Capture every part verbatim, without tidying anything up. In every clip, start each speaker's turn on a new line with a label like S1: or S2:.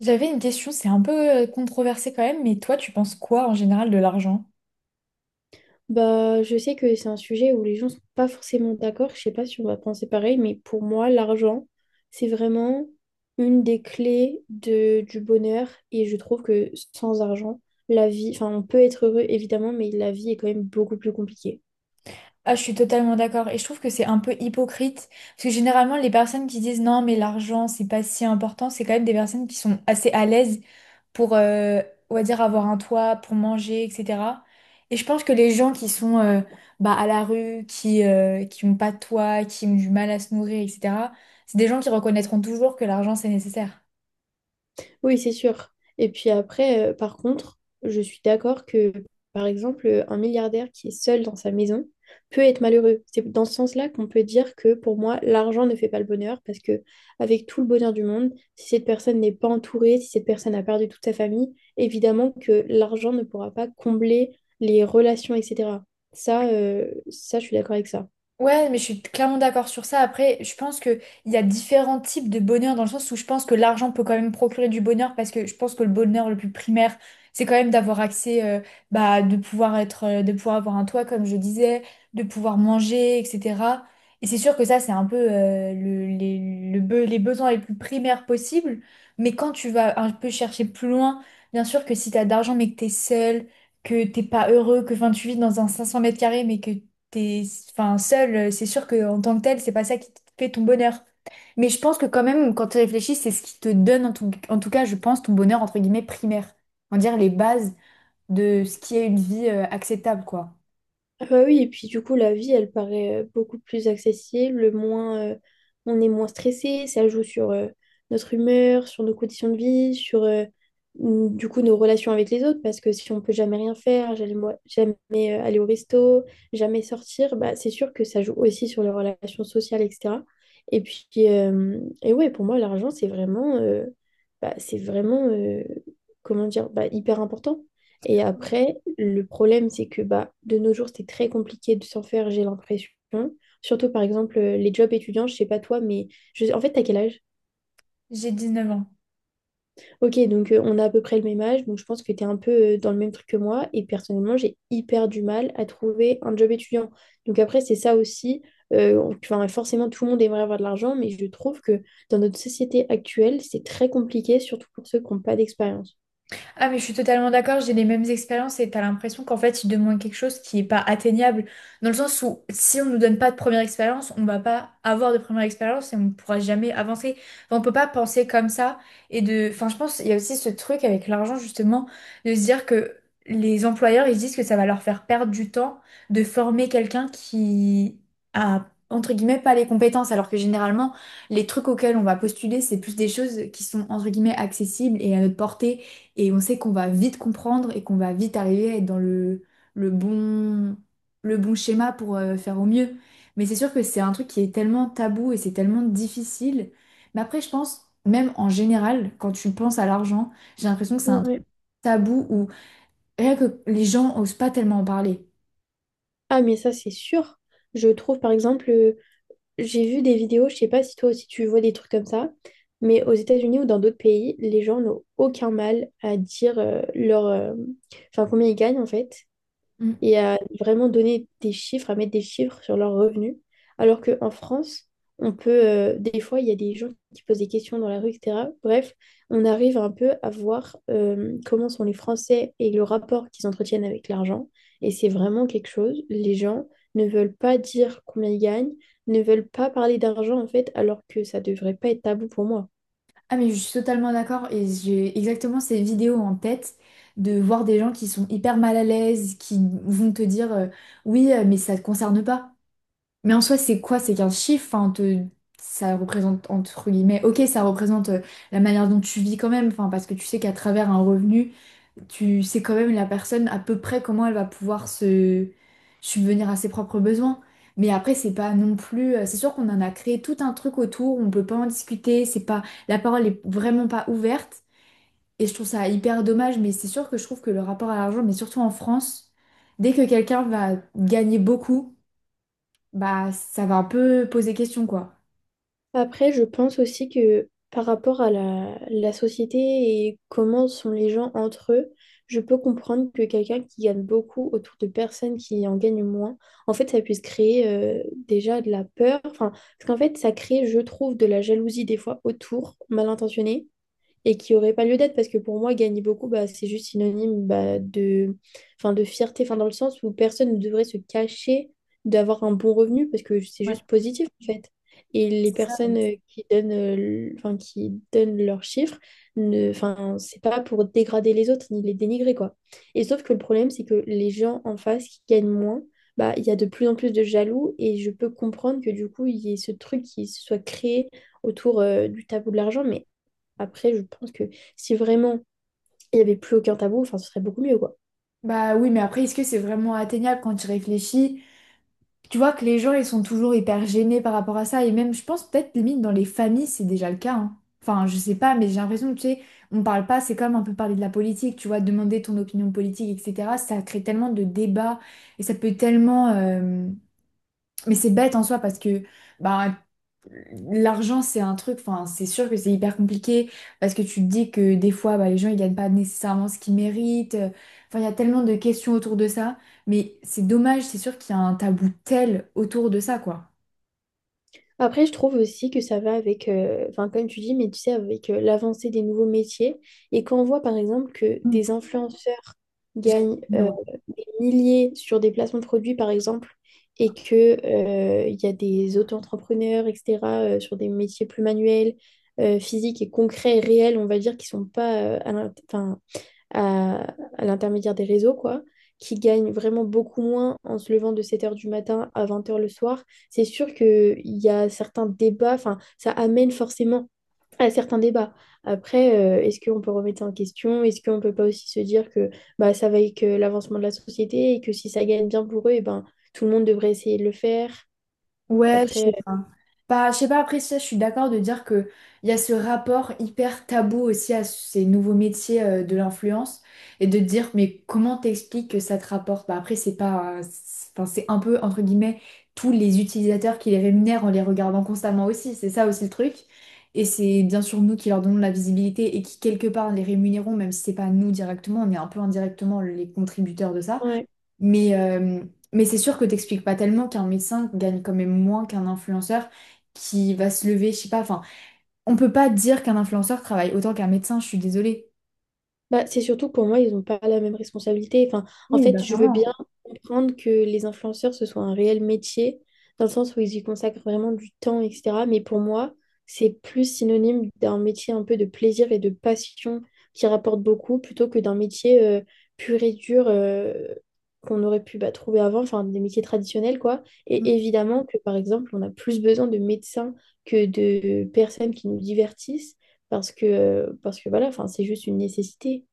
S1: J'avais une question, c'est un peu euh, controversé quand même, mais toi, tu penses quoi en général de l'argent?
S2: Bah, je sais que c'est un sujet où les gens sont pas forcément d'accord. Je sais pas si on va penser pareil, mais pour moi, l'argent, c'est vraiment une des clés de, du bonheur. Et je trouve que sans argent, la vie, enfin, on peut être heureux, évidemment, mais la vie est quand même beaucoup plus compliquée.
S1: Ah, je suis totalement d'accord et je trouve que c'est un peu hypocrite parce que généralement, les personnes qui disent non, mais l'argent, c'est pas si important, c'est quand même des personnes qui sont assez à l'aise pour, euh, on va dire, avoir un toit, pour manger, et cetera. Et je pense que les gens qui sont euh, bah, à la rue, qui, euh, qui ont pas de toit, qui ont du mal à se nourrir, et cetera, c'est des gens qui reconnaîtront toujours que l'argent, c'est nécessaire.
S2: Oui, c'est sûr. Et puis après, euh, par contre, je suis d'accord que, par exemple, un milliardaire qui est seul dans sa maison peut être malheureux. C'est dans ce sens-là qu'on peut dire que pour moi, l'argent ne fait pas le bonheur parce que avec tout le bonheur du monde, si cette personne n'est pas entourée, si cette personne a perdu toute sa famille, évidemment que l'argent ne pourra pas combler les relations, et cetera. Ça, euh, ça, je suis d'accord avec ça.
S1: Ouais, mais je suis clairement d'accord sur ça. Après, je pense que il y a différents types de bonheur dans le sens où je pense que l'argent peut quand même procurer du bonheur parce que je pense que le bonheur le plus primaire, c'est quand même d'avoir accès, euh, bah, de pouvoir être, euh, de pouvoir avoir un toit, comme je disais, de pouvoir manger, et cetera. Et c'est sûr que ça, c'est un peu, euh, le- les, le be- les besoins les plus primaires possibles. Mais quand tu vas un peu chercher plus loin, bien sûr que si t'as d'argent mais que t'es seul, que t'es pas heureux, que fin tu vis dans un cinq cents mètres carrés mais que t'es enfin, seul, euh, c'est sûr que en tant que tel, c'est pas ça qui te fait ton bonheur. Mais je pense que quand même, quand tu réfléchis, c'est ce qui te donne, en tout, en tout cas, je pense, ton bonheur, entre guillemets, primaire. On va dire les bases de ce qui est une vie euh, acceptable, quoi.
S2: Ah bah oui, et puis du coup, la vie, elle paraît euh, beaucoup plus accessible, moins, euh, on est moins stressé, ça joue sur euh, notre humeur, sur nos conditions de vie, sur euh, mm, du coup nos relations avec les autres, parce que si on peut jamais rien faire, jamais, mo- jamais, euh, aller au resto, jamais sortir, bah, c'est sûr que ça joue aussi sur les relations sociales, et cetera. Et puis, euh, et ouais, pour moi, l'argent, c'est vraiment, euh, bah, c'est vraiment, euh, comment dire, bah, hyper important. Et après, le problème, c'est que bah, de nos jours, c'est très compliqué de s'en faire, j'ai l'impression. Surtout, par exemple, euh, les jobs étudiants, je sais pas toi, mais je... en fait, t'as quel âge?
S1: J'ai dix neuf ans.
S2: Ok, donc euh, on a à peu près le même âge, donc je pense que t'es un peu euh, dans le même truc que moi. Et personnellement, j'ai hyper du mal à trouver un job étudiant. Donc après, c'est ça aussi. Euh, on- enfin, forcément, tout le monde aimerait avoir de l'argent, mais je trouve que dans notre société actuelle, c'est très compliqué, surtout pour ceux qui n'ont pas d'expérience.
S1: Ah, mais je suis totalement d'accord, j'ai les mêmes expériences et t'as l'impression qu'en fait, il demande quelque chose qui n'est pas atteignable. Dans le sens où, si on ne nous donne pas de première expérience, on va pas avoir de première expérience et on ne pourra jamais avancer. Enfin, on peut pas penser comme ça. Et de... Enfin, je pense, il y a aussi ce truc avec l'argent, justement, de se dire que les employeurs, ils se disent que ça va leur faire perdre du temps de former quelqu'un qui a, entre guillemets, pas les compétences, alors que généralement, les trucs auxquels on va postuler, c'est plus des choses qui sont, entre guillemets, accessibles et à notre portée et on sait qu'on va vite comprendre et qu'on va vite arriver à être dans le, le bon, le bon schéma pour euh, faire au mieux. Mais c'est sûr que c'est un truc qui est tellement tabou et c'est tellement difficile. Mais après, je pense, même en général, quand tu penses à l'argent, j'ai l'impression que c'est un truc
S2: Ouais.
S1: tabou où rien que les gens osent pas tellement en parler.
S2: Ah, mais ça, c'est sûr. Je trouve, par exemple, euh, j'ai vu des vidéos, je sais pas si toi aussi tu vois des trucs comme ça, mais aux États-Unis ou dans d'autres pays, les gens n'ont aucun mal à dire euh, leur, euh, enfin combien ils gagnent en fait
S1: Mm.
S2: et à vraiment donner des chiffres, à mettre des chiffres sur leurs revenus. Alors qu'en France, on peut, euh, des fois, il y a des gens qui posent des questions dans la rue, et cetera. Bref, on arrive un peu à voir euh, comment sont les Français et le rapport qu'ils entretiennent avec l'argent. Et c'est vraiment quelque chose. Les gens ne veulent pas dire combien ils gagnent, ne veulent pas parler d'argent, en fait, alors que ça devrait pas être tabou pour moi.
S1: Ah, mais je suis totalement d'accord et j'ai exactement ces vidéos en tête de voir des gens qui sont hyper mal à l'aise, qui vont te dire euh, oui, euh, mais ça te concerne pas. Mais en soi, c'est quoi? C'est qu'un chiffre, enfin, te- ça représente, entre guillemets, ok, ça représente euh, la manière dont tu vis quand même, enfin, parce que tu sais qu'à travers un revenu, tu sais quand même la personne à peu près comment elle va pouvoir se subvenir à ses propres besoins. Mais après, c'est pas non plus. euh, C'est sûr qu'on en a créé tout un truc autour, on peut pas en discuter, c'est pas, la parole est vraiment pas ouverte. Et je trouve ça hyper dommage, mais c'est sûr que je trouve que le rapport à l'argent, mais surtout en France, dès que quelqu'un va gagner beaucoup, bah ça va un peu poser question quoi.
S2: Après, je pense aussi que par rapport à la, la société et comment sont les gens entre eux, je peux comprendre que quelqu'un qui gagne beaucoup autour de personnes qui en gagnent moins, en fait, ça puisse créer euh, déjà de la peur. Enfin, parce qu'en fait, ça crée, je trouve, de la jalousie des fois autour, mal intentionnée et qui n'aurait pas lieu d'être parce que pour moi, gagner beaucoup, bah, c'est juste synonyme bah, de, enfin, de fierté, enfin, dans le sens où personne ne devrait se cacher d'avoir un bon revenu parce que c'est
S1: Ouais,
S2: juste positif en fait. Et les
S1: c'est ça. Ouais.
S2: personnes euh, qui donnent, euh, le- enfin, qui donnent leurs chiffres, ne, enfin, c'est pas pour dégrader les autres ni les dénigrer quoi. Et sauf que le problème, c'est que les gens en face qui gagnent moins, bah, il y a de plus en plus de jaloux et je peux comprendre que du coup, il y ait ce truc qui se soit créé autour euh, du tabou de l'argent, mais après, je pense que si vraiment il n'y avait plus aucun tabou, enfin, ce serait beaucoup mieux, quoi.
S1: Bah oui, mais après, est-ce que c'est vraiment atteignable quand tu réfléchis? Tu vois que les gens, ils sont toujours hyper gênés par rapport à ça. Et même, je pense peut-être limite dans les familles, c'est déjà le cas, hein. Enfin, je sais pas, mais j'ai l'impression que tu sais, on parle pas, c'est comme un peu parler de la politique, tu vois, demander ton opinion politique, et cetera. Ça crée tellement de débats et ça peut tellement. euh, Mais c'est bête en soi parce que bah, l'argent, c'est un truc, enfin, c'est sûr que c'est hyper compliqué parce que tu te dis que des fois, bah, les gens, ils gagnent pas nécessairement ce qu'ils méritent. euh, Enfin, il y a tellement de questions autour de ça, mais c'est dommage, c'est sûr qu'il y a un tabou tel autour de ça, quoi.
S2: Après, je trouve aussi que ça va avec, euh, enfin, comme tu dis, mais tu sais, avec euh, l'avancée des nouveaux métiers. Et quand on voit, par exemple, que
S1: Mm.
S2: des influenceurs gagnent euh,
S1: J'admire.
S2: des milliers sur des placements de produits, par exemple, et que, euh, il y a des auto-entrepreneurs, et cetera, euh, sur des métiers plus manuels, euh, physiques et concrets et réels, on va dire, qui sont pas euh, à l'int- 'fin, à, à l'intermédiaire des réseaux, quoi, qui gagnent vraiment beaucoup moins en se levant de sept heures du matin à vingt heures le soir, c'est sûr qu'il y a certains débats, enfin, ça amène forcément à certains débats. Après, euh, est-ce qu'on peut remettre ça en question? Est-ce qu'on peut pas aussi se dire que bah, ça va avec euh, l'avancement de la société et que si ça gagne bien pour eux, et ben, tout le monde devrait essayer de le faire?
S1: Ouais, je
S2: Après,
S1: sais pas. Bah, je sais pas, après ça, je suis d'accord de dire que il y a ce rapport hyper tabou aussi à ces nouveaux métiers euh, de l'influence et de dire, mais comment t'expliques que ça te rapporte? Bah, après, c'est pas, euh, c'est- enfin, c'est un peu, entre guillemets, tous les utilisateurs qui les rémunèrent en les regardant constamment aussi, c'est ça aussi le truc. Et c'est bien sûr nous qui leur donnons la visibilité et qui, quelque part, les rémunérons, même si c'est pas nous directement, on est un peu indirectement les contributeurs de ça.
S2: euh, ouais.
S1: Mais, euh, mais c'est sûr que t'expliques pas tellement qu'un médecin gagne quand même moins qu'un influenceur qui va se lever, je sais pas, enfin, on peut pas dire qu'un influenceur travaille autant qu'un médecin, je suis désolée.
S2: Bah, c'est surtout que pour moi, ils n'ont pas la même responsabilité. Enfin, en
S1: Oui,
S2: fait,
S1: bah
S2: je veux
S1: clairement.
S2: bien comprendre que les influenceurs, ce soit un réel métier, dans le sens où ils y consacrent vraiment du temps, et cetera. Mais pour moi, c'est plus synonyme d'un métier un peu de plaisir et de passion qui rapporte beaucoup, plutôt que d'un métier euh, pur et dur euh, qu'on aurait pu bah, trouver avant, enfin des métiers traditionnels, quoi. Et évidemment que, par exemple, on a plus besoin de médecins que de personnes qui nous divertissent, parce que, euh, parce que voilà, enfin, c'est juste une nécessité.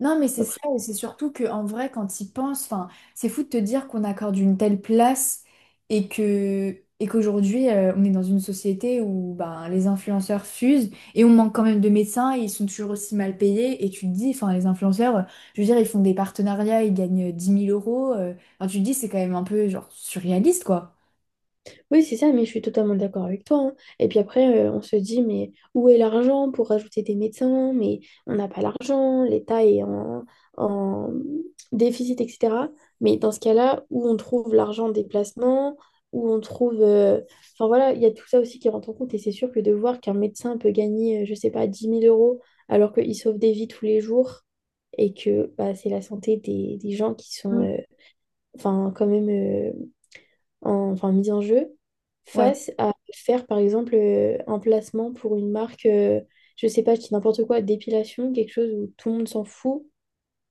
S1: Non, mais c'est ça,
S2: Après-
S1: et c'est surtout que en vrai, quand ils pensent, enfin, c'est fou de te dire qu'on accorde une telle place et que et qu'aujourd'hui, euh, on est dans une société où ben, les influenceurs fusent et on manque quand même de médecins et ils sont toujours aussi mal payés. Et tu te dis, enfin, les influenceurs, euh, je veux dire, ils font des partenariats, ils gagnent euh, dix mille euros. euh, enfin, tu te dis, c'est quand même un peu genre surréaliste, quoi.
S2: Oui, c'est ça, mais je suis totalement d'accord avec toi. Hein. Et puis après, euh, on se dit, mais où est l'argent pour rajouter des médecins? Mais on n'a pas l'argent, l'État est en, en déficit, et cetera. Mais dans ce cas-là, où on trouve l'argent des placements, où on trouve... euh, Enfin voilà, il y a tout ça aussi qui rentre en compte. Et c'est sûr que de voir qu'un médecin peut gagner, euh, je sais pas, dix mille euros alors qu'il sauve des vies tous les jours et que bah, c'est la santé des, des gens qui sont...
S1: Mm.
S2: euh, Enfin, quand même, euh, en- enfin mise en jeu,
S1: Ouais.
S2: face à faire par exemple euh, un placement pour une marque, euh, je sais pas, je dis n'importe quoi, d'épilation, quelque chose où tout le monde s'en fout.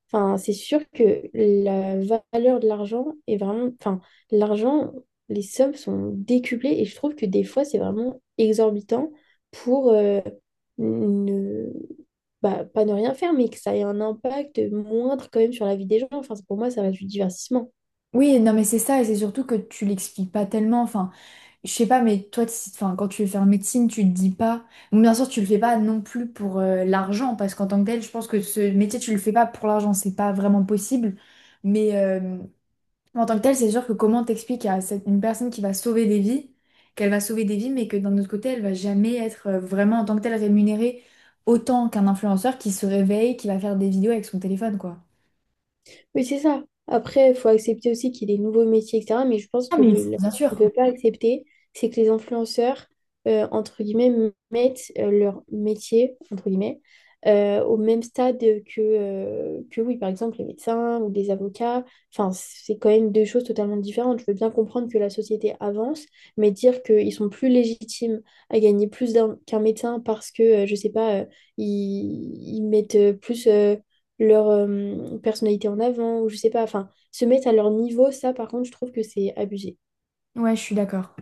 S2: Enfin, c'est sûr que la valeur de l'argent est vraiment, enfin, l'argent, les sommes sont décuplées et je trouve que des fois c'est vraiment exorbitant pour euh, ne, bah, pas ne rien faire, mais que ça ait un impact moindre quand même sur la vie des gens. Enfin, pour moi, ça reste du divertissement.
S1: Oui, non, mais c'est ça, et c'est surtout que tu l'expliques pas tellement. Enfin, je sais pas, mais toi, t'si- enfin, quand tu veux faire médecine, tu te dis pas. Bon, bien sûr, tu le fais pas non plus pour euh, l'argent, parce qu'en tant que tel, je pense que ce métier, tu le fais pas pour l'argent, c'est pas vraiment possible. Mais euh, en tant que tel, c'est sûr que comment t'expliques à cette- une personne qui va sauver des vies, qu'elle va sauver des vies, mais que d'un autre côté, elle va jamais être euh, vraiment en tant que telle rémunérée autant qu'un influenceur qui se réveille, qui va faire des vidéos avec son téléphone, quoi.
S2: Oui, c'est ça. Après, il faut accepter aussi qu'il y ait des nouveaux métiers, et cetera. Mais je pense
S1: Ah,
S2: que
S1: mais
S2: le, la
S1: bien
S2: chose qu'on ne
S1: sûr.
S2: peut pas accepter, c'est que les influenceurs, euh, entre guillemets, mettent euh, leur métier, entre guillemets, euh, au même stade que, euh, que, oui, par exemple, les médecins ou les avocats. Enfin, c'est quand même deux choses totalement différentes. Je veux bien comprendre que la société avance, mais dire qu'ils sont plus légitimes à gagner plus d'un- qu'un médecin parce que, euh, je ne sais pas, euh, ils, ils mettent euh, plus... euh, leur euh, personnalité en avant, ou je sais pas, enfin, se mettre à leur niveau, ça par contre, je trouve que c'est abusé.
S1: Ouais, je suis d'accord.